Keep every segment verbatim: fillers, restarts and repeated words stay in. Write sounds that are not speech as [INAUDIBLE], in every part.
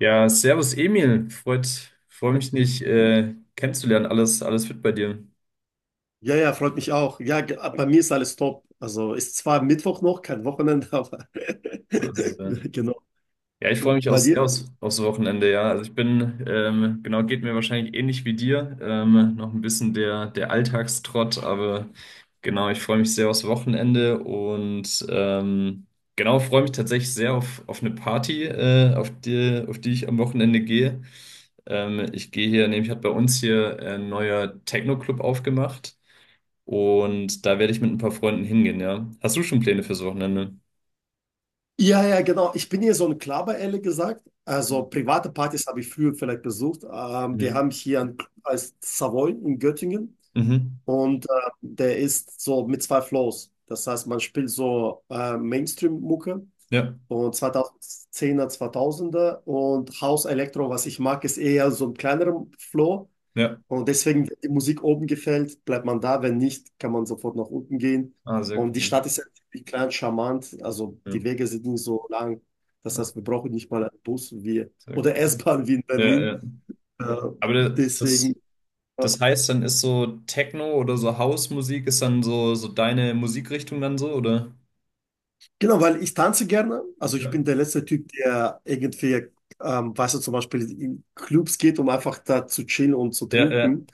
Ja, servus Emil, freut, freue mich nicht äh, kennenzulernen. Alles, alles fit bei dir? Ja, ja, freut mich auch. Ja, ge- bei mir ist alles top. Also ist zwar Mittwoch noch, kein Wochenende, aber So, so, [LAUGHS] äh, genau. ja, ich freue mich auch Bei sehr dir? aufs, aufs Wochenende, ja. Also ich bin, ähm, genau, geht mir wahrscheinlich ähnlich wie dir. Ähm, noch ein bisschen der, der Alltagstrott, aber genau, ich freue mich sehr aufs Wochenende und ähm, genau, freue mich tatsächlich sehr auf, auf eine Party, äh, auf die, auf die ich am Wochenende gehe. Ähm, ich gehe hier, nämlich hat bei uns hier ein neuer Techno-Club aufgemacht. Und da werde ich mit ein paar Freunden hingehen, ja. Hast du schon Pläne fürs Wochenende? Ja, ja, genau. Ich bin hier so ein Klaber, ehrlich gesagt. Also private Partys habe ich früher vielleicht besucht. Ähm, wir Mhm. haben hier einen Club als Savoy in Göttingen Mhm. und äh, der ist so mit zwei Flows. Das heißt, man spielt so äh, Mainstream-Mucke Ja, und zweitausendzehner, zweitausender und House Electro, was ich mag, ist eher so ein kleinerer Flow. ja. Und deswegen, wenn die Musik oben gefällt, bleibt man da. Wenn nicht, kann man sofort nach unten gehen. Ah, sehr Und die cool. Stadt ist ja ziemlich klein, charmant. Also Ja, die Wege sind nicht so lang. Das also, heißt, wir brauchen nicht mal einen Bus wie, sehr oder [LAUGHS] cool. S-Bahn wie in Ja, Berlin. ja. Äh, Aber da- das, deswegen, äh, das heißt, dann ist so Techno oder so House-Musik ist dann so, so deine Musikrichtung dann so, oder? genau, weil ich tanze gerne. Also ich Ja. bin der letzte Typ, der irgendwie, ähm, weißt du, zum Beispiel in Clubs geht, um einfach da zu chillen und zu Ja, ja. trinken.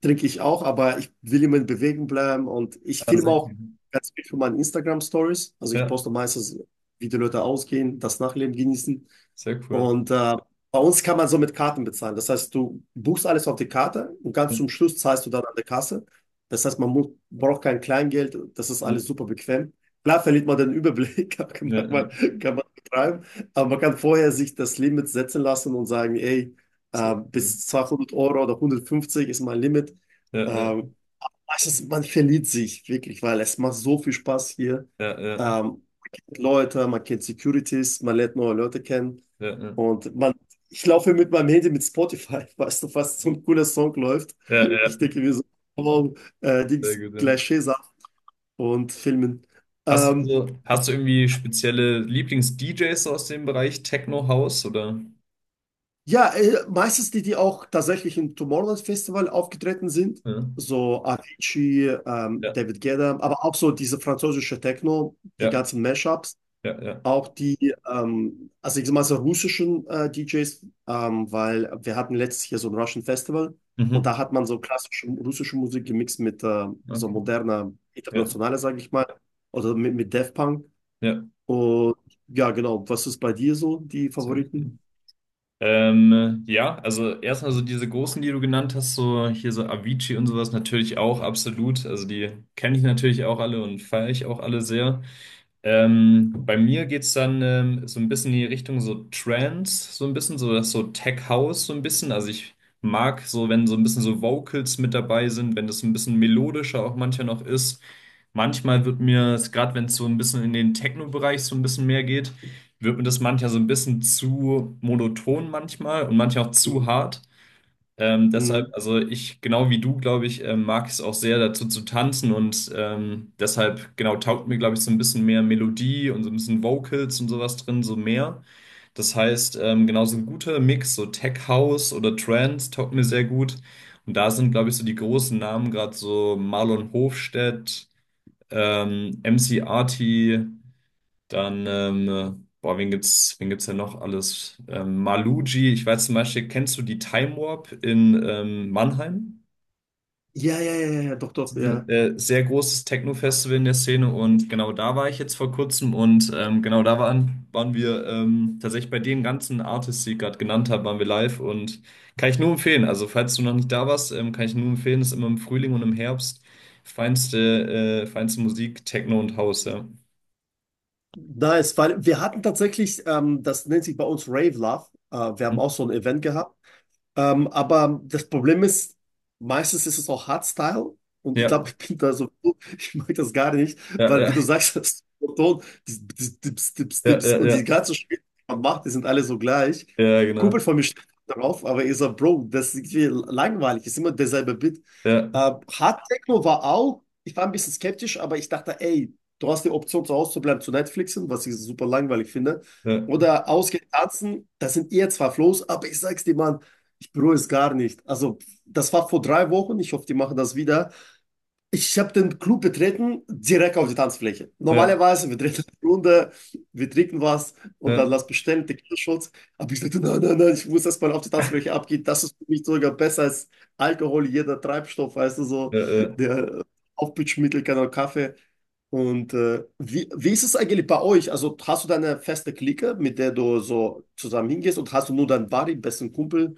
Trinke ich auch, aber ich will immer in Bewegung bleiben und ich Ah, filme sehr auch cool. ganz viel für meine Instagram-Stories. Also ich Ja, poste meistens, wie die Leute ausgehen, das Nachleben genießen. sehr cool. Und äh, bei uns kann man so mit Karten bezahlen. Das heißt, du buchst alles auf die Karte und ganz Ja, zum Schluss zahlst du dann an der Kasse. Das heißt, man muss, braucht kein Kleingeld. Das ist alles super bequem. Klar verliert man den Überblick, [LAUGHS] aber kann ja, man, ja. kann man betreiben. Aber man kann vorher sich das Limit setzen lassen und sagen, ey, äh, Sehr cool. bis zweihundert Euro oder hundertfünfzig ist mein Limit. Ja, ja, Äh, Es ist, man verliert sich wirklich, weil es macht so viel Spaß hier. ja, Ähm, ja, Man kennt Leute, man kennt Securities, man lernt neue Leute kennen. ja, ja, Und man, ich laufe mit meinem Handy mit Spotify, [LAUGHS] weißt du, was so ein cooler Song läuft. ja, ja. Ich denke mir so, wow, äh, Sehr Dings, gut, ja. gleich Schäfer und Filmen. Hast du, Ähm, so- Hast du irgendwie spezielle Lieblings-D Js aus dem Bereich Techno House oder? ja, äh, Meistens die, die auch tatsächlich im Tomorrowland Festival aufgetreten sind. Ja, So Avicii, ähm, ja, David Guetta, aber auch so diese französische Techno, die ja, ganzen Mashups. ja, ja. Auch die, ähm, also ich sag mal so russischen äh, D Js, ähm, weil wir hatten letztes Jahr so ein Russian Festival und da Mhm. hat man so klassische russische Musik gemixt mit äh, so Okay. moderner, Ja, internationaler, sage ich mal, oder mit, mit Daft Punk. ja, Und ja, genau, was ist bei dir so, die sehr cool. Favoriten? Ähm, ja, also erstmal so diese großen, die du genannt hast, so hier so Avicii und sowas natürlich auch absolut. Also die kenne ich natürlich auch alle und feiere ich auch alle sehr. Ähm, bei mir geht's dann ähm, so ein bisschen in die Richtung so Trance, so ein bisschen, so das so Tech House, so ein bisschen. Also ich mag so, wenn so ein bisschen so Vocals mit dabei sind, wenn das ein bisschen melodischer auch manchmal noch ist. Manchmal wird mir, gerade wenn es so ein bisschen in den Techno-Bereich so ein bisschen mehr geht, wird mir das manchmal so ein bisschen zu monoton manchmal und manchmal auch zu Mhm. hart. Ähm, deshalb, Mhm. also ich, genau wie du, glaube ich, ähm, mag es auch sehr dazu zu tanzen und ähm, deshalb, genau, taugt mir, glaube ich, so ein bisschen mehr Melodie und so ein bisschen Vocals und sowas drin, so mehr. Das heißt, ähm, genau so ein guter Mix, so Tech House oder Trance taugt mir sehr gut. Und da sind, glaube ich, so die großen Namen, gerade so Marlon Hofstedt, ähm, M C Arty, dann, ähm, boah, wen gibt's, wen gibt's denn noch alles? Ähm, Maluji, ich weiß zum Beispiel, kennst du die Time Warp in ähm, Mannheim? Ja, ja, ja, ja, ja, doch, Das doch, ist Nee. Ein ja. äh, sehr großes Techno-Festival in der Szene und genau da war ich jetzt vor kurzem und ähm, genau da waren, waren wir ähm, tatsächlich bei den ganzen Artists, die ich gerade genannt habe, waren wir live und kann ich nur empfehlen. Also falls du noch nicht da warst, ähm, kann ich nur empfehlen, ist immer im Frühling und im Herbst feinste, äh, feinste Musik, Techno und House, ja. Nice, weil wir hatten tatsächlich, ähm, das nennt sich bei uns Rave Love. Äh, wir haben Hm? auch so ein Event gehabt. Ähm, aber das Problem ist, meistens ist es auch Hardstyle und ich Ja, glaube, ich bin da so, [LAUGHS] ich mag das gar nicht, ja, weil wie ja, du sagst, [LAUGHS] das Ton, die- die- Dips, Dips, ja, Dips ja, und die ja. ganzen Spiele, die man macht, die sind alle so gleich. Ja, Kumpel genau. von mir steht darauf, aber ich sag, Bro, das ist irgendwie langweilig, ist immer derselbe Beat. Ja, Äh, Hard Techno war auch, ich war ein bisschen skeptisch, aber ich dachte, ey, du hast die Option, zu Hause zu bleiben, zu Netflixen, was ich super langweilig finde. ja, Oder ausgehen tanzen, das sind eher zwar Flows, aber ich sag's dir, Mann, ich bereue es gar nicht. Also, das war vor drei Wochen. Ich hoffe, die machen das wieder. Ich habe den Club betreten, direkt auf die Tanzfläche. ja, Normalerweise, wir drehen eine Runde, wir trinken was und ja, dann lass bestellen, Tequila-Shots. Aber ich dachte, nein, nein, nein, ich muss erstmal auf die Tanzfläche abgehen. Das ist für mich sogar besser als Alkohol, jeder Treibstoff, weißt du, so ja, ja. der Aufputschmittel, kein Kaffee. Und äh, wie, wie ist es eigentlich bei euch? Also hast du deine feste Clique, mit der du so zusammen hingehst und hast du nur deinen Buddy, besten Kumpel?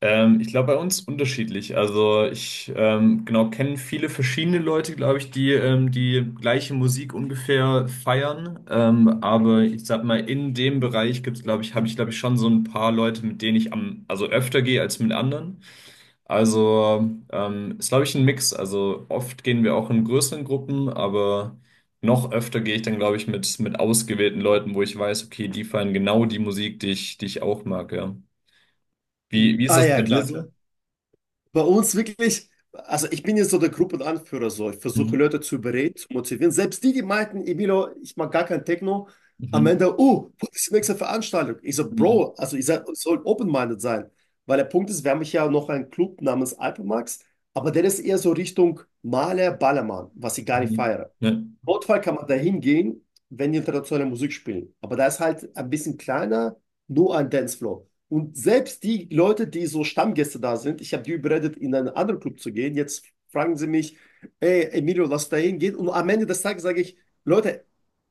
Ähm, ich glaube, bei uns unterschiedlich. Also ich ähm, genau kenne viele verschiedene Leute, glaube ich, die ähm, die gleiche Musik ungefähr feiern. Ähm, aber ich sag mal, in dem Bereich gibt's, glaube ich, habe ich, glaube ich, schon so ein paar Leute, mit denen ich am, also öfter gehe als mit anderen. Also ähm, ist, glaube ich, ein Mix. Also oft gehen wir auch in größeren Gruppen, aber noch öfter gehe ich dann, glaube ich, mit, mit ausgewählten Leuten, wo ich weiß, okay, die feiern genau die Musik, die ich, die ich auch mag, ja. Wie, Mhm. wie ist Ah das bei ja, dir klar, klar. so? Bei uns wirklich, also ich bin jetzt so der Gruppenanführer, so ich versuche Mhm. Leute zu überreden, zu motivieren. Selbst die, die meinten, Emilio, ich mag gar kein Techno, am Mhm. Ende, oh, wo ist die nächste Veranstaltung? Ich so, Mhm. Bro, also ich soll open-minded sein. Weil der Punkt ist, wir haben ja noch einen Club namens Alpemax, aber der ist eher so Richtung Maler, Ballermann, was ich gar nicht Mhm. feiere. Ja, Notfall kann man da hingehen, wenn die internationale Musik spielen. Aber da ist halt ein bisschen kleiner, nur ein Dancefloor. Und selbst die Leute, die so Stammgäste da sind, ich habe die überredet, in einen anderen Club zu gehen. Jetzt fragen sie mich, ey, Emilio, lass da hingehen. Und am Ende des Tages sage ich, Leute,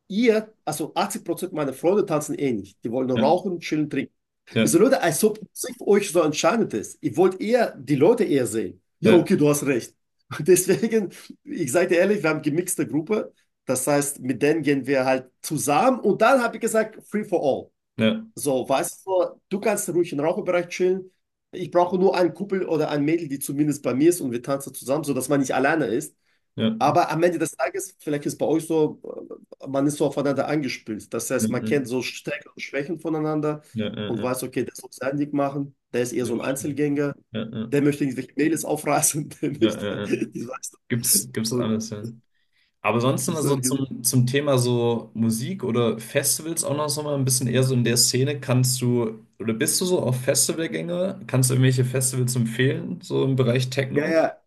ihr, also achtzig Prozent meiner Freunde tanzen eh nicht. Die wollen nur ja, rauchen, chillen, trinken. Ich so, Leute, als ob Musik für euch so entscheidend ist. Ihr wollt eher die Leute eher sehen. Ja, ja, okay, du hast recht. [LAUGHS] Und deswegen, ich sage dir ehrlich, wir haben gemixte Gruppe. Das heißt, mit denen gehen wir halt zusammen. Und dann habe ich gesagt, free for all. ja, So, weißt du, du kannst ruhig im Raucherbereich chillen. Ich brauche nur einen Kumpel oder ein Mädel, die zumindest bei mir ist und wir tanzen zusammen, sodass man nicht alleine ist. ja, ja, Aber am Ende des Tages, vielleicht ist bei euch so, äh, man ist so aufeinander angespielt. Das ja, heißt, man kennt so Stärken und Schwächen voneinander ja, ja, und ja, weiß, okay, der soll sein Ding machen, der ja, ist eher so ja, ein Einzelgänger, ja, ja, ja, der möchte irgendwelche Mädels aufreißen, [LAUGHS] der ja, ja, möchte, ja. ich weiß nicht. Gibt's, gibt's Und alles, ja. Aber sonst ich immer so sage, zum, zum Thema so Musik oder Festivals auch noch so mal ein bisschen eher so in der Szene. Kannst du oder bist du so auf Festivalgänge? Kannst du irgendwelche Festivals empfehlen, so im Bereich ja, Techno? ja.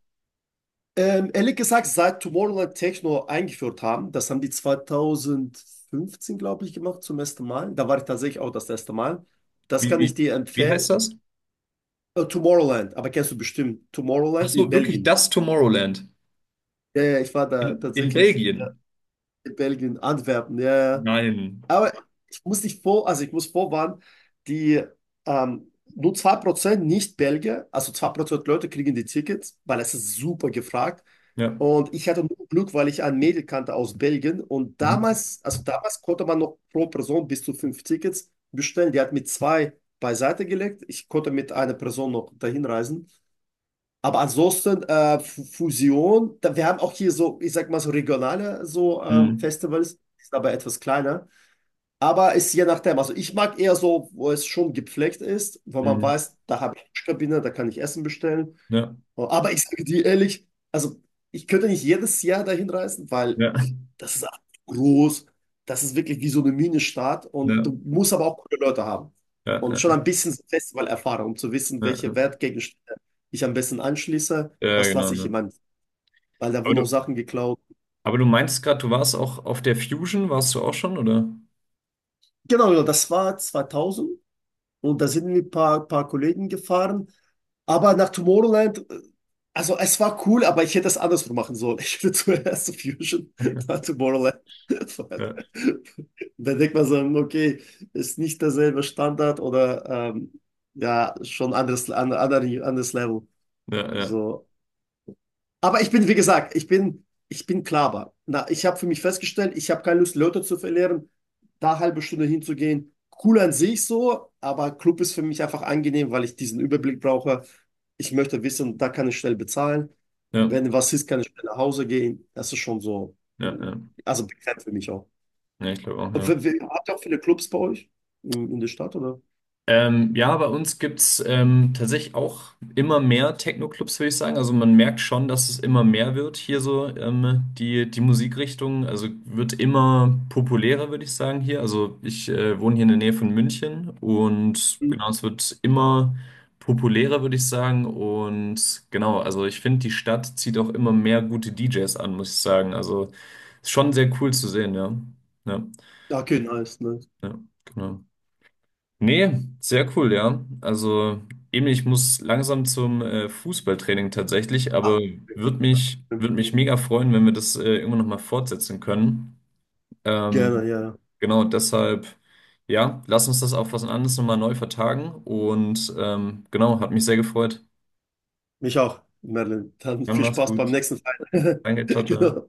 Ähm, ehrlich gesagt, seit Tomorrowland Techno eingeführt haben, das haben die zwanzig fünfzehn, glaube ich, gemacht zum ersten Mal. Da war ich tatsächlich auch das erste Mal. Das Wie, kann ich wie, dir wie empfehlen. heißt das? Äh, Tomorrowland, aber kennst du bestimmt Ach Tomorrowland in so, wirklich Belgien. das Tomorrowland Ja, ja, ich war da in, in tatsächlich Belgien? in Belgien, Antwerpen, ja, ja. Nein. Aber ich muss dich vor, also ich muss vorwarnen, die ähm, nur zwei Prozent Nicht-Belgier, also zwei Prozent Leute kriegen die Tickets, weil es ist super gefragt. Ja. Und ich hatte nur Glück, weil ich ein Mädel kannte aus Belgien. Und Mhm. damals, also damals konnte man noch pro Person bis zu fünf Tickets bestellen. Die hat mit zwei beiseite gelegt. Ich konnte mit einer Person noch dahin reisen. Aber ansonsten äh, Fu- Fusion, da, wir haben auch hier so, ich sag mal so regionale so ähm, Mhm. Festivals, die sind aber etwas kleiner. Aber ist je nachdem. Also ich mag eher so, wo es schon gepflegt ist, wo man Mhm. weiß, da habe ich Waschkabine, da kann ich Essen bestellen. Ja. Aber ich sage dir ehrlich, also ich könnte nicht jedes Jahr dahin reisen, weil Ja. das ist groß. Das ist wirklich wie so eine Minenstadt. Und Ja. du musst aber auch coole Leute haben. Und schon Ja. ein bisschen so Festivalerfahrung, um zu wissen, Ja. Ja. welche Wertgegenstände ich am besten anschließe. Ja, Was genau, lasse ich in ne. meinem, weil da Aber wurden du, auch Sachen geklaut. aber du meinst gerade, du warst auch auf der Fusion, warst du auch schon, oder? Genau, genau, das war zweitausend. Und da sind wir ein paar, paar Kollegen gefahren. Aber nach Tomorrowland, äh, also es war cool, aber ich hätte es andersrum machen sollen. Ich hätte [LAUGHS] zuerst Fusion, dann [LAUGHS] Tomorrowland. Ja, Da denkt man so, okay, ist nicht derselbe Standard oder ähm, ja, schon anderes, an- anderes, anderes Level. ja, ja. So. Aber ich bin, wie gesagt, ich bin, ich bin Klaber. Na, ich habe für mich festgestellt, ich habe keine Lust, Leute zu verlieren, da eine halbe Stunde hinzugehen. Cool an sich so, aber Club ist für mich einfach angenehm, weil ich diesen Überblick brauche. Ich möchte wissen, da kann ich schnell bezahlen. Ja, Wenn was ist, kann ich schnell nach Hause gehen. Das ist schon so, ja, ja. also bekannt für mich auch. Ja, ich glaube auch, Und ja. w- w- habt ihr auch viele Clubs bei euch in, in der Stadt, oder? Ähm, ja, bei uns gibt's ähm, tatsächlich auch immer mehr Techno-Clubs, würde ich sagen. Also man merkt schon, dass es immer mehr wird hier so, ähm, die, die Musikrichtung. Also wird immer populärer, würde ich sagen, hier. Also ich äh, wohne hier in der Nähe von München und Mhm. genau, es wird immer populärer, würde ich sagen. Und genau, also ich finde, die Stadt zieht auch immer mehr gute D Js an, muss ich sagen. Also ist schon sehr cool zu sehen, ja. Ja, Okay, nice, nice. ja, genau. Nee, sehr cool, ja. Also eben, ich muss langsam zum äh, Fußballtraining tatsächlich, aber würde mich, würd mich mega freuen, wenn wir das äh, irgendwann nochmal fortsetzen können. Ähm, Gerne, ja. genau, deshalb, ja, lass uns das auf was anderes nochmal neu vertagen und ähm, genau, hat mich sehr gefreut. Mich auch, Merlin. Dann Dann viel mach's Spaß beim gut. nächsten Fight. [LAUGHS] Danke, ciao, ciao. Genau.